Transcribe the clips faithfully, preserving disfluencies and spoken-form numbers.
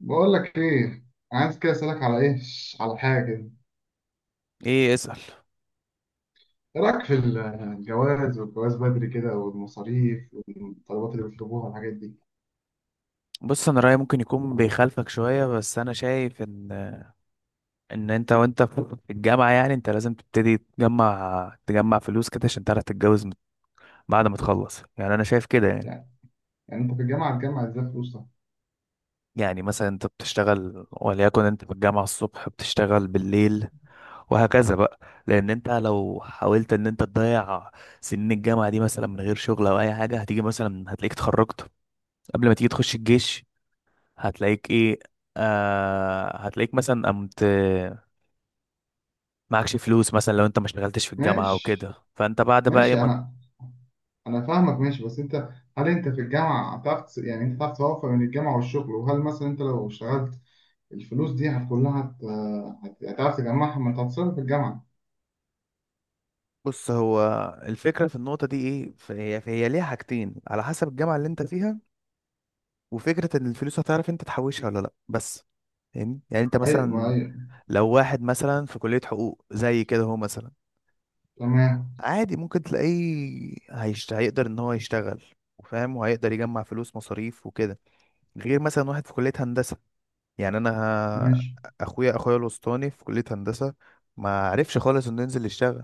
بقول لك ايه، عايز كده اسالك على ايه، على حاجه كده. ايه؟ اسأل. ايه رايك في الجواز والجواز بدري كده والمصاريف والطلبات اللي بيطلبوها والحاجات دي؟ بص، انا رأيي ممكن يكون بيخالفك شوية، بس انا شايف ان ان انت وانت في الجامعة يعني انت لازم تبتدي تجمع تجمع فلوس كده عشان تعرف تتجوز مت- بعد ما تخلص. يعني انا شايف كده يعني. يعني يعني انت في الجامعه هتجمع ازاي فلوسك؟ يعني مثلا انت بتشتغل، وليكن انت في الجامعة الصبح بتشتغل بالليل، وهكذا بقى. لان انت لو حاولت ان انت تضيع سنين الجامعة دي مثلا من غير شغل او اي حاجة، هتيجي مثلا هتلاقيك اتخرجت قبل ما تيجي تخش الجيش، هتلاقيك ايه، آه هتلاقيك مثلا قمت معكش فلوس. مثلا لو انت ما اشتغلتش في الجامعة او كده، ماشي، فانت بعد بقى ايه ماشي. ما. انا انا فاهمك، ماشي، بس انت. هل انت في الجامعه هتعرف تس- يعني انت هتعرف توفق بين الجامعه والشغل؟ وهل مثلا انت لو اشتغلت الفلوس دي هت- كلها هت- هت- هتعرف تجمعها، ما انت هتصرف في الجامعه. بص، هو الفكرة في النقطة دي ايه، فهي فهي ليها حاجتين على حسب الجامعة اللي انت فيها، وفكرة ان الفلوس هتعرف انت تحوشها ولا لا، بس فاهمني. يعني انت ايوه، مثلا ايوه. لو واحد مثلا في كلية حقوق زي كده، هو مثلا تمام، عادي ممكن تلاقيه هيشت... هيقدر ان هو يشتغل وفاهم، وهيقدر يجمع فلوس مصاريف وكده. غير مثلا واحد في كلية هندسة، يعني انا ماشي. ه- اخويا اخويا الوسطاني في كلية هندسة ما عرفش خالص انه ينزل يشتغل.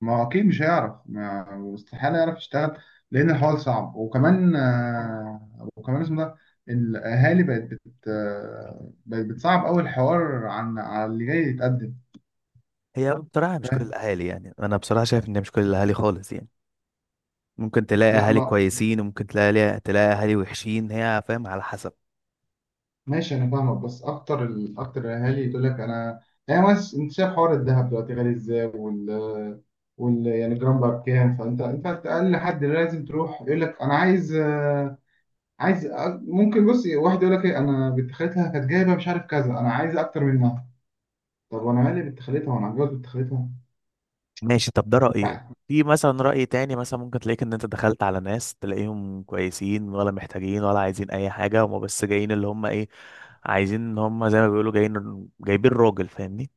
ما هو اكيد مش هيعرف، ما استحاله يعرف يشتغل، لان الحوار صعب. وكمان آه، وكمان اسمه ده، الاهالي بقت بت آه، بقت بتصعب قوي الحوار عن على اللي جاي يتقدم. هي بصراحة مش كل فاهم. الأهالي، يعني أنا بصراحة شايف إن مش كل الأهالي خالص يعني. ممكن تلاقي لا، أهالي ما كويسين، وممكن تلاقي تلاقي أهالي وحشين، هي فاهم على حسب. ماشي، انا فاهمك، بس اكتر ال... اكتر الاهالي يقول لك: انا، يعني بس انت شايف حوار الذهب دلوقتي غالي ازاي، وال وال يعني جرام بقى بكام؟ فانت انت اقل حد لازم تروح يقول لك: انا عايز آه، عايز. ممكن بص واحد يقول لك ايه: انا بنت خالتها كانت جايبه مش عارف كذا، انا عايز اكتر منها. طب وانا مالي بنت خالتها، وانا هتجوز بنت خالتها؟ ماشي، طب ده وانت رأيي. عارف. في مثلا رأي تاني، مثلا ممكن تلاقيك إن أنت دخلت على ناس تلاقيهم كويسين، ولا محتاجين، ولا عايزين أي حاجة، هما بس جايين اللي هما إيه، عايزين إن هما زي ما بيقولوا جايين جايبين راجل، فاهمني.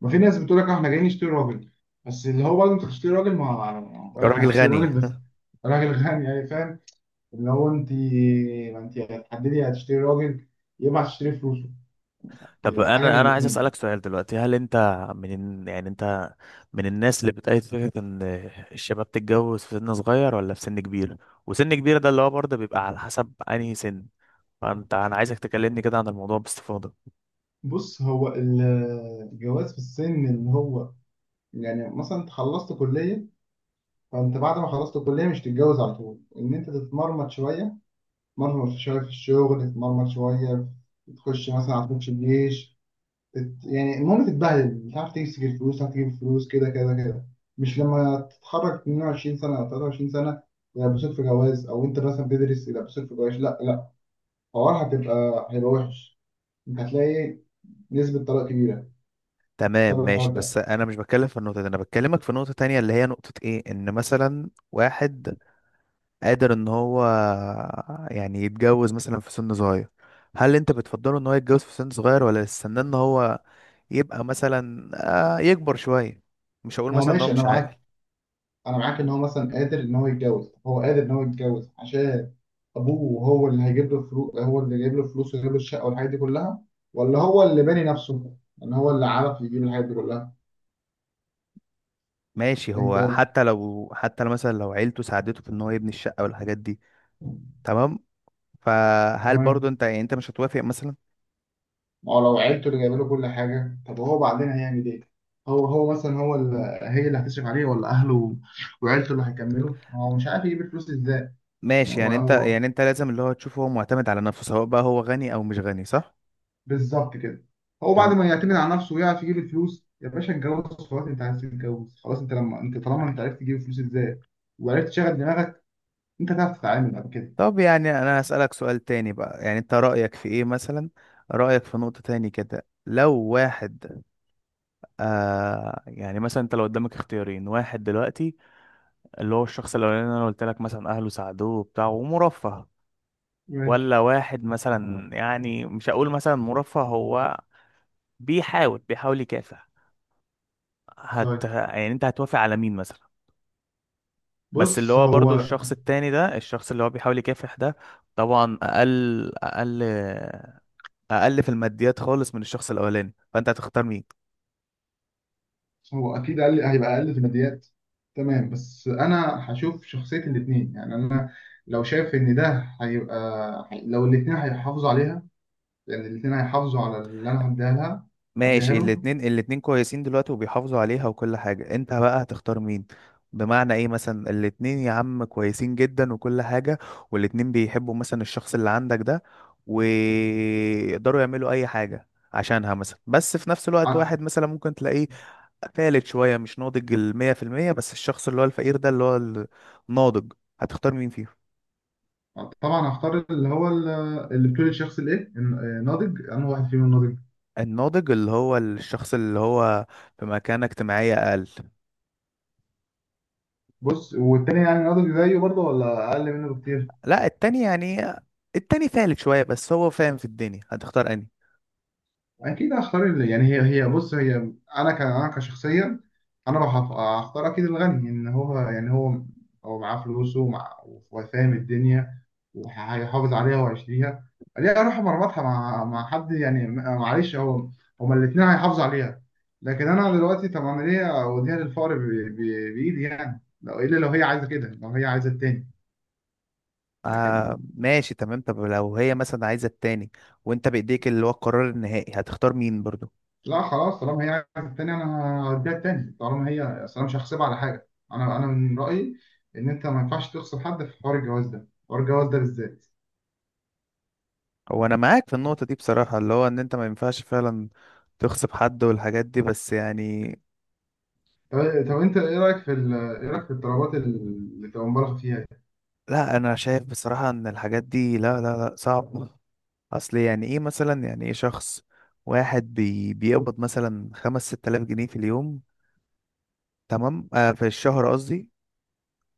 ما في ناس بتقول لك: اه، احنا جايين نشتري راجل. بس اللي هو برضه انت هتشتري راجل، ما بقول لك انا راجل هشتري غني. راجل، بس راجل غني، يعني فاهم. اللي هو انت، ما انت هتحددي هتشتري راجل، يبقى هتشتري فلوسه. طب حاجه من انا انا عايز الاثنين. اسالك سؤال دلوقتي، هل انت من ال- يعني انت من الناس اللي بتأيد فكره ان الشباب تتجوز في سن صغير ولا في سن كبير؟ وسن كبير ده اللي هو برضه بيبقى على حسب انهي سن. فانت، انا عايزك تكلمني كده عن الموضوع باستفاضه. بص هو ال- الجواز في السن اللي هو، يعني مثلا انت خلصت كليه، فانت بعد ما خلصت الكليه مش تتجوز على طول، ان انت تتمرمط شويه، تتمرمط شوية في الشغل، تتمرمط شوية، تخش مثلا على تخش الجيش. تت... يعني المهم تتبهدل، مش عارف تمسك الفلوس، مش عارف تجيب الفلوس، كده كده كده. مش لما تتخرج اتنين وعشرين سنة أو تلاته وعشرين سنة يلبسوك في جواز، أو أنت مثلا بتدرس يلبسوك في جواز؟ لا لا، الحوار هتبقى هيبقى وحش. أنت هتلاقي نسبة طلاق كبيرة تمام، بسبب الحوار ماشي، ده. بس انا مش بتكلم في النقطه دي، انا بكلمك في نقطه تانية، اللي هي نقطه ايه، ان مثلا واحد قادر ان هو يعني يتجوز مثلا في سن صغير، هل انت بتفضله ان هو يتجوز في سن صغير، ولا استنى ان هو يبقى مثلا آه، يكبر شوية؟ مش هقول ما هو مثلا ان هو ماشي، أنا مش عاقل. معاك. أنا معاك إن هو مثلا قادر إن هو يتجوز، هو قادر إن هو يتجوز عشان ابوه، هو اللي هيجيب له فلوس، هو اللي جايب له فلوس ويجيب له الشقه والحاجات دي كلها، ولا هو اللي باني نفسه ان هو اللي عرف يجيب الحاجات دي كلها. ماشي، انت، هو حتى لو، حتى لو مثلا لو عيلته ساعدته في ان هو يبني الشقة والحاجات دي، تمام، فهل تمام. برضو انت يعني انت مش هتوافق مثلا؟ ما هو لو عيلته اللي جايبه له كل حاجه، طب هو بعدين هيعمل ايه؟ هو هو مثلا، هو اللي هي اللي هتصرف عليه ولا اهله وعيلته اللي هيكملوا؟ ما هو مش عارف يجيب الفلوس ازاي. يعني ماشي، هو يعني انت، هو يعني انت لازم اللي هو تشوفه هو معتمد على نفسه، سواء بقى هو غني او مش غني، صح؟ بالظبط كده. هو بعد تم. ما يعتمد على نفسه ويعرف يجيب الفلوس، يا باشا اتجوز خلاص. انت عايز تتجوز خلاص. انت لما انت طالما انت عرفت تجيب الفلوس ازاي وعرفت تشغل دماغك، انت هتعرف تتعامل بعد كده. طب يعني انا هسألك سؤال تاني بقى، يعني انت رأيك في ايه مثلا، رأيك في نقطة تاني كده، لو واحد آه يعني مثلا انت لو قدامك اختيارين، واحد دلوقتي اللي هو الشخص الاولاني اللي انا قلت لك مثلا اهله ساعدوه وبتاع ومرفه، ولا ماشي، واحد مثلا يعني مش هقول مثلا مرفه، هو بيحاول بيحاول يكافح، هت طيب، يعني انت هتوافق على مين مثلا؟ بس اللي بص. هو برضو هو الشخص التاني ده، الشخص اللي هو بيحاول يكافح ده، طبعا اقل، اقل، اقل في الماديات خالص من الشخص الاولاني، فانت هتختار مين؟ هو اكيد اقل، هيبقى اقل في الماديات، تمام. بس انا هشوف شخصيه الاثنين، يعني انا لو شايف ان ده هيبقى، لو الاثنين هيحافظوا عليها، يعني الاثنين هيحافظوا على اللي انا هديها لها، هديها ماشي، له. الاتنين، الاتنين كويسين دلوقتي وبيحافظوا عليها وكل حاجة، انت بقى هتختار مين؟ بمعنى ايه مثلا، الاتنين يا عم كويسين جدا وكل حاجة، والاتنين بيحبوا مثلا الشخص اللي عندك ده ويقدروا يعملوا اي حاجة عشانها مثلا، بس في نفس الوقت ع- واحد مثلا ممكن تلاقيه فالت شوية مش ناضج المية في المية، بس الشخص اللي هو الفقير ده اللي هو الناضج، هتختار مين فيهم؟ طبعا هختار اللي هو ال- اللي بتقول الشخص الايه الناضج، انا واحد فيهم الناضج. الناضج اللي هو الشخص اللي هو في مكانة اجتماعية أقل؟ بص، والتاني يعني ناضج زيه برضه ولا اقل منه بكتير؟ لا، التاني يعني التاني فالك شوية بس هو فاهم في الدنيا، هتختار انهي؟ اكيد هختار ال- يعني هي هي، بص هي. انا ك انا كشخصيا، انا لو هخ- هختار اكيد الغني، ان هو يعني هو، هو معاه فلوسه ومع، وفاهم الدنيا، وهيحافظ عليها وهيشتريها. ليه اروح مربطها مع مع حد يعني؟ م- معلش. هو هما الاثنين هيحافظوا عليها، لكن انا دلوقتي، طب انا ليه اوديها للفقر ب- ب- بايدي؟ يعني لو الا لو هي عايزه كده، لو هي عايزه التاني. آه لكن، ماشي تمام، طب لو هي مثلا عايزة التاني، وانت بإيديك اللي هو القرار النهائي، هتختار مين برضو؟ لا خلاص، طالما هي عايزه التاني، انا هديها التاني، طالما هي، اصل انا مش هحسبها على حاجه. انا انا من رايي ان انت ما ينفعش تخسر حد في حوار الجواز ده، حوار الجواز ده بالذات. هو انا معاك في النقطة دي بصراحة، اللي هو ان انت ما ينفعش فعلا تغصب حد والحاجات دي، بس يعني. طب، طب انت ايه رايك في ال- ايه رايك في الطلبات اللي بتبقى مبالغ فيها دي؟ لا، انا شايف بصراحة ان الحاجات دي، لا لا لا، صعب. اصل يعني ايه مثلا، يعني ايه شخص واحد بي بيقبض مثلا خمس ست آلاف جنيه في اليوم، تمام آه في الشهر قصدي،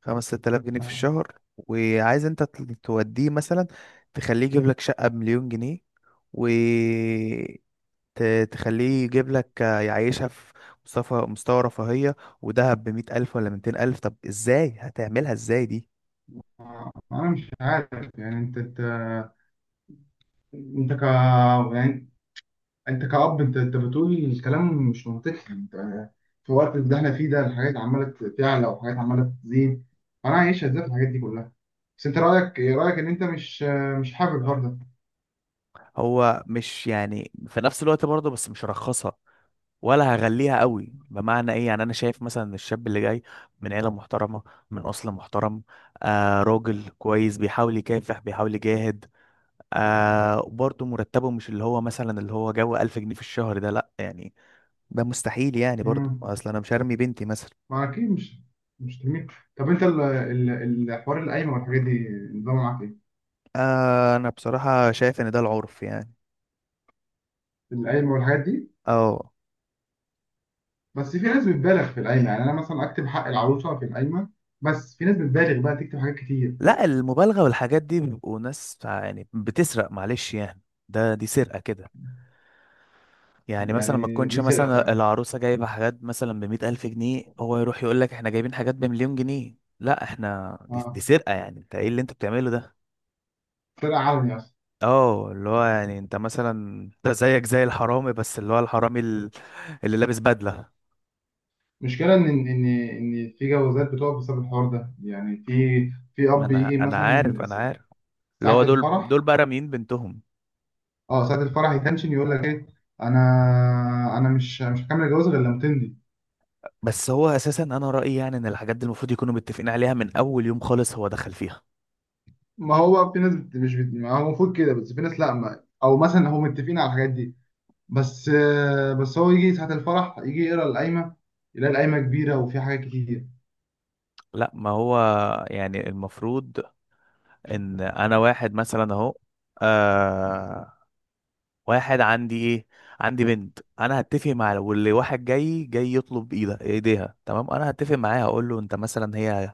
خمس ست آلاف جنيه في الشهر، وعايز انت ت- توديه مثلا تخليه يجيب لك شقة بمليون جنيه، وتخليه يجيب لك يعيشها في مستوى مستوى رفاهية، ودهب بمية ألف ولا ميتين ألف؟ طب ازاي هتعملها ازاي دي؟ انا مش عارف. يعني انت انت انت ك يعني انت كأب، انت انت بتقول الكلام مش منطقي؟ انت في الوقت اللي احنا فيه ده الحاجات عماله تعلى وحاجات عماله تزيد، فانا عايش ازاي في الحاجات دي كلها؟ بس انت رايك ايه، رايك ان انت مش مش حابب الحوار ده؟ هو مش يعني في نفس الوقت برضه، بس مش هرخصها ولا هغليها قوي. بمعنى ايه، يعني انا شايف مثلا إن الشاب اللي جاي من عيلة محترمة، من أصل محترم، آه راجل كويس بيحاول يكافح بيحاول يجاهد، آه برضه مرتبه مش اللي هو مثلا اللي هو جو ألف جنيه في الشهر ده، لا يعني ده مستحيل يعني امم برضه، اصل انا مش هرمي بنتي مثلا. ما اكيد مش، مش تميل. طب انت ال- ال- الحوار القايمه والحاجات دي نظامه معاك ايه؟ آه انا بصراحة شايف ان ده العرف يعني. القايمه والحاجات دي. اه. بس في ناس بتبالغ في القايمه، يعني انا مثلا اكتب حق العروسه في القايمه، بس في ناس بتبالغ بقى تكتب حاجات كتير. لا، المبالغة والحاجات دي بيبقوا ناس يعني بتسرق، معلش يعني، ده دي سرقة كده. يعني مثلا ما يعني تكونش دي سرقه مثلا فعلا. العروسة جايبة حاجات مثلا بمية ألف جنيه، هو يروح يقول لك احنا جايبين حاجات بمليون جنيه. لا، احنا دي, دي اه، سرقة يعني. انت ايه اللي انت بتعمله ده؟ سرقه علني اصلا. اه اللي هو يعني انت مثلا انت زيك زي الحرامي، بس اللي هو الحرامي ال- اللي لابس بدلة. المشكلة إن إن إن إن في جوازات بتقف بسبب الحوار ده. يعني في، في ما أب انا يجي انا عارف، مثلا انا عارف، اللي ساعة هو دول الفرح. دول بقى راميين بنتهم. أه ساعة الفرح يتنشن يقول لك إيه: أنا، أنا مش مش هكمل الجواز غير لما تندي. بس هو اساسا انا رأيي يعني ان الحاجات دي المفروض يكونوا متفقين عليها من اول يوم خالص هو دخل فيها. ما هو في ناس بت- مش بت- ما هو المفروض كده، بس في ناس لأ، ما أو مثلا هم متفقين على الحاجات دي، بس آه، بس هو يجي ساعة الفرح، يجي يقرا القايمة، يلاقي القايمة كبيرة وفيها حاجات كتير. لا ما هو، يعني المفروض ان انا واحد مثلا اهو، آه، واحد عندي ايه، عندي بنت، انا هتفق مع، واللي واحد جاي جاي يطلب ايدها ايديها، تمام انا هتفق معاه، هقول له انت مثلا هي،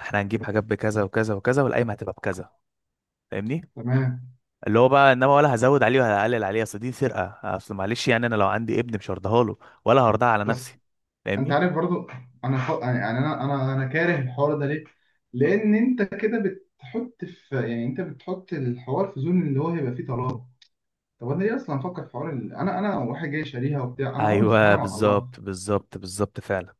احنا هنجيب حاجات بكذا وكذا وكذا، والقايمه هتبقى بكذا، فاهمني. تمام، اللي هو بقى انما ولا هزود عليه ولا هقلل عليه، اصل دي سرقه، اصل معلش يعني انا لو عندي ابن مش هرضاها له، ولا هرضاها على بس نفسي، انت فاهمني. عارف برضو. انا ف... يعني، يعني انا انا انا كاره الحوار ده ليه؟ لان انت كده بتحط في، يعني انت بتحط الحوار في زون اللي هو هيبقى فيه طلاق. طب انا ليه اصلا افكر في حوار ال... انا انا واحد جاي شاريها وبتاع، انا عمري ايوه استحاله ما اطلقها. بالظبط بالظبط بالظبط فعلا.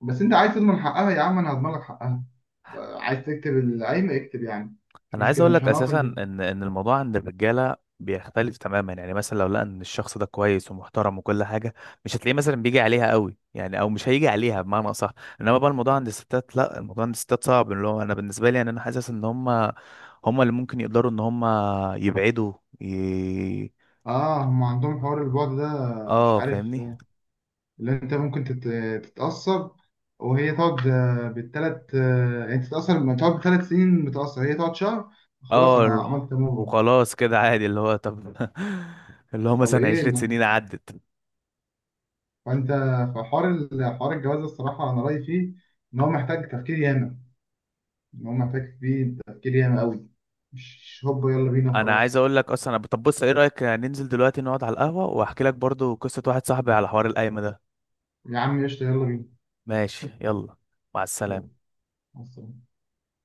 بس انت عايز تضمن حقها، يا عم انا هضمن لك حقها. بقى عايز تكتب العيب، اكتب يعني. مش انا عايز مشكله، اقول مش لك هنقف اساسا البيت. ان ان الموضوع عند الرجاله بيختلف تماما، يعني مثلا لو لقى ان الشخص ده كويس ومحترم وكل حاجه، مش هتلاقيه مثلا بيجي عليها قوي يعني، او مش هيجي عليها بمعنى اصح. انما بقى الموضوع عند الستات، لا، الموضوع عند الستات صعب، اللي هو انا بالنسبه لي يعني انا حاسس ان هم هم اللي ممكن يقدروا ان هم يبعدوا ي... اه، هم عندهم حوار البعد ده مش اه عارف. فاهمني. اللي انت ممكن تت- تتأثر، وهي تقعد آه، بالتلات آه، يعني تتأثر، ما تقعد بثلاث سنين متأثر، هي تقعد شهر، خلاص، اه أنا ال- عملت موفا. وخلاص كده عادي اللي هو طب، اللي هو طب مثلا إيه عشرة اللي- سنين عدت. فأنت في حوار ال- حوار الجواز ده الصراحة، أنا رأيي فيه إن هو محتاج تفكير ياما، إن هو محتاج فيه تفكير ياما أوي، مش هوبا يلا بينا انا عايز وخلاص. اقول لك اصلا أنا- طب بص، ايه رايك ننزل دلوقتي نقعد على القهوه واحكي لك برضو قصه واحد صاحبي على حوار القايمه ده؟ يا عم قشطة، يلا بينا. ماشي، يلا، مع يلا، السلامه. مع السلامة.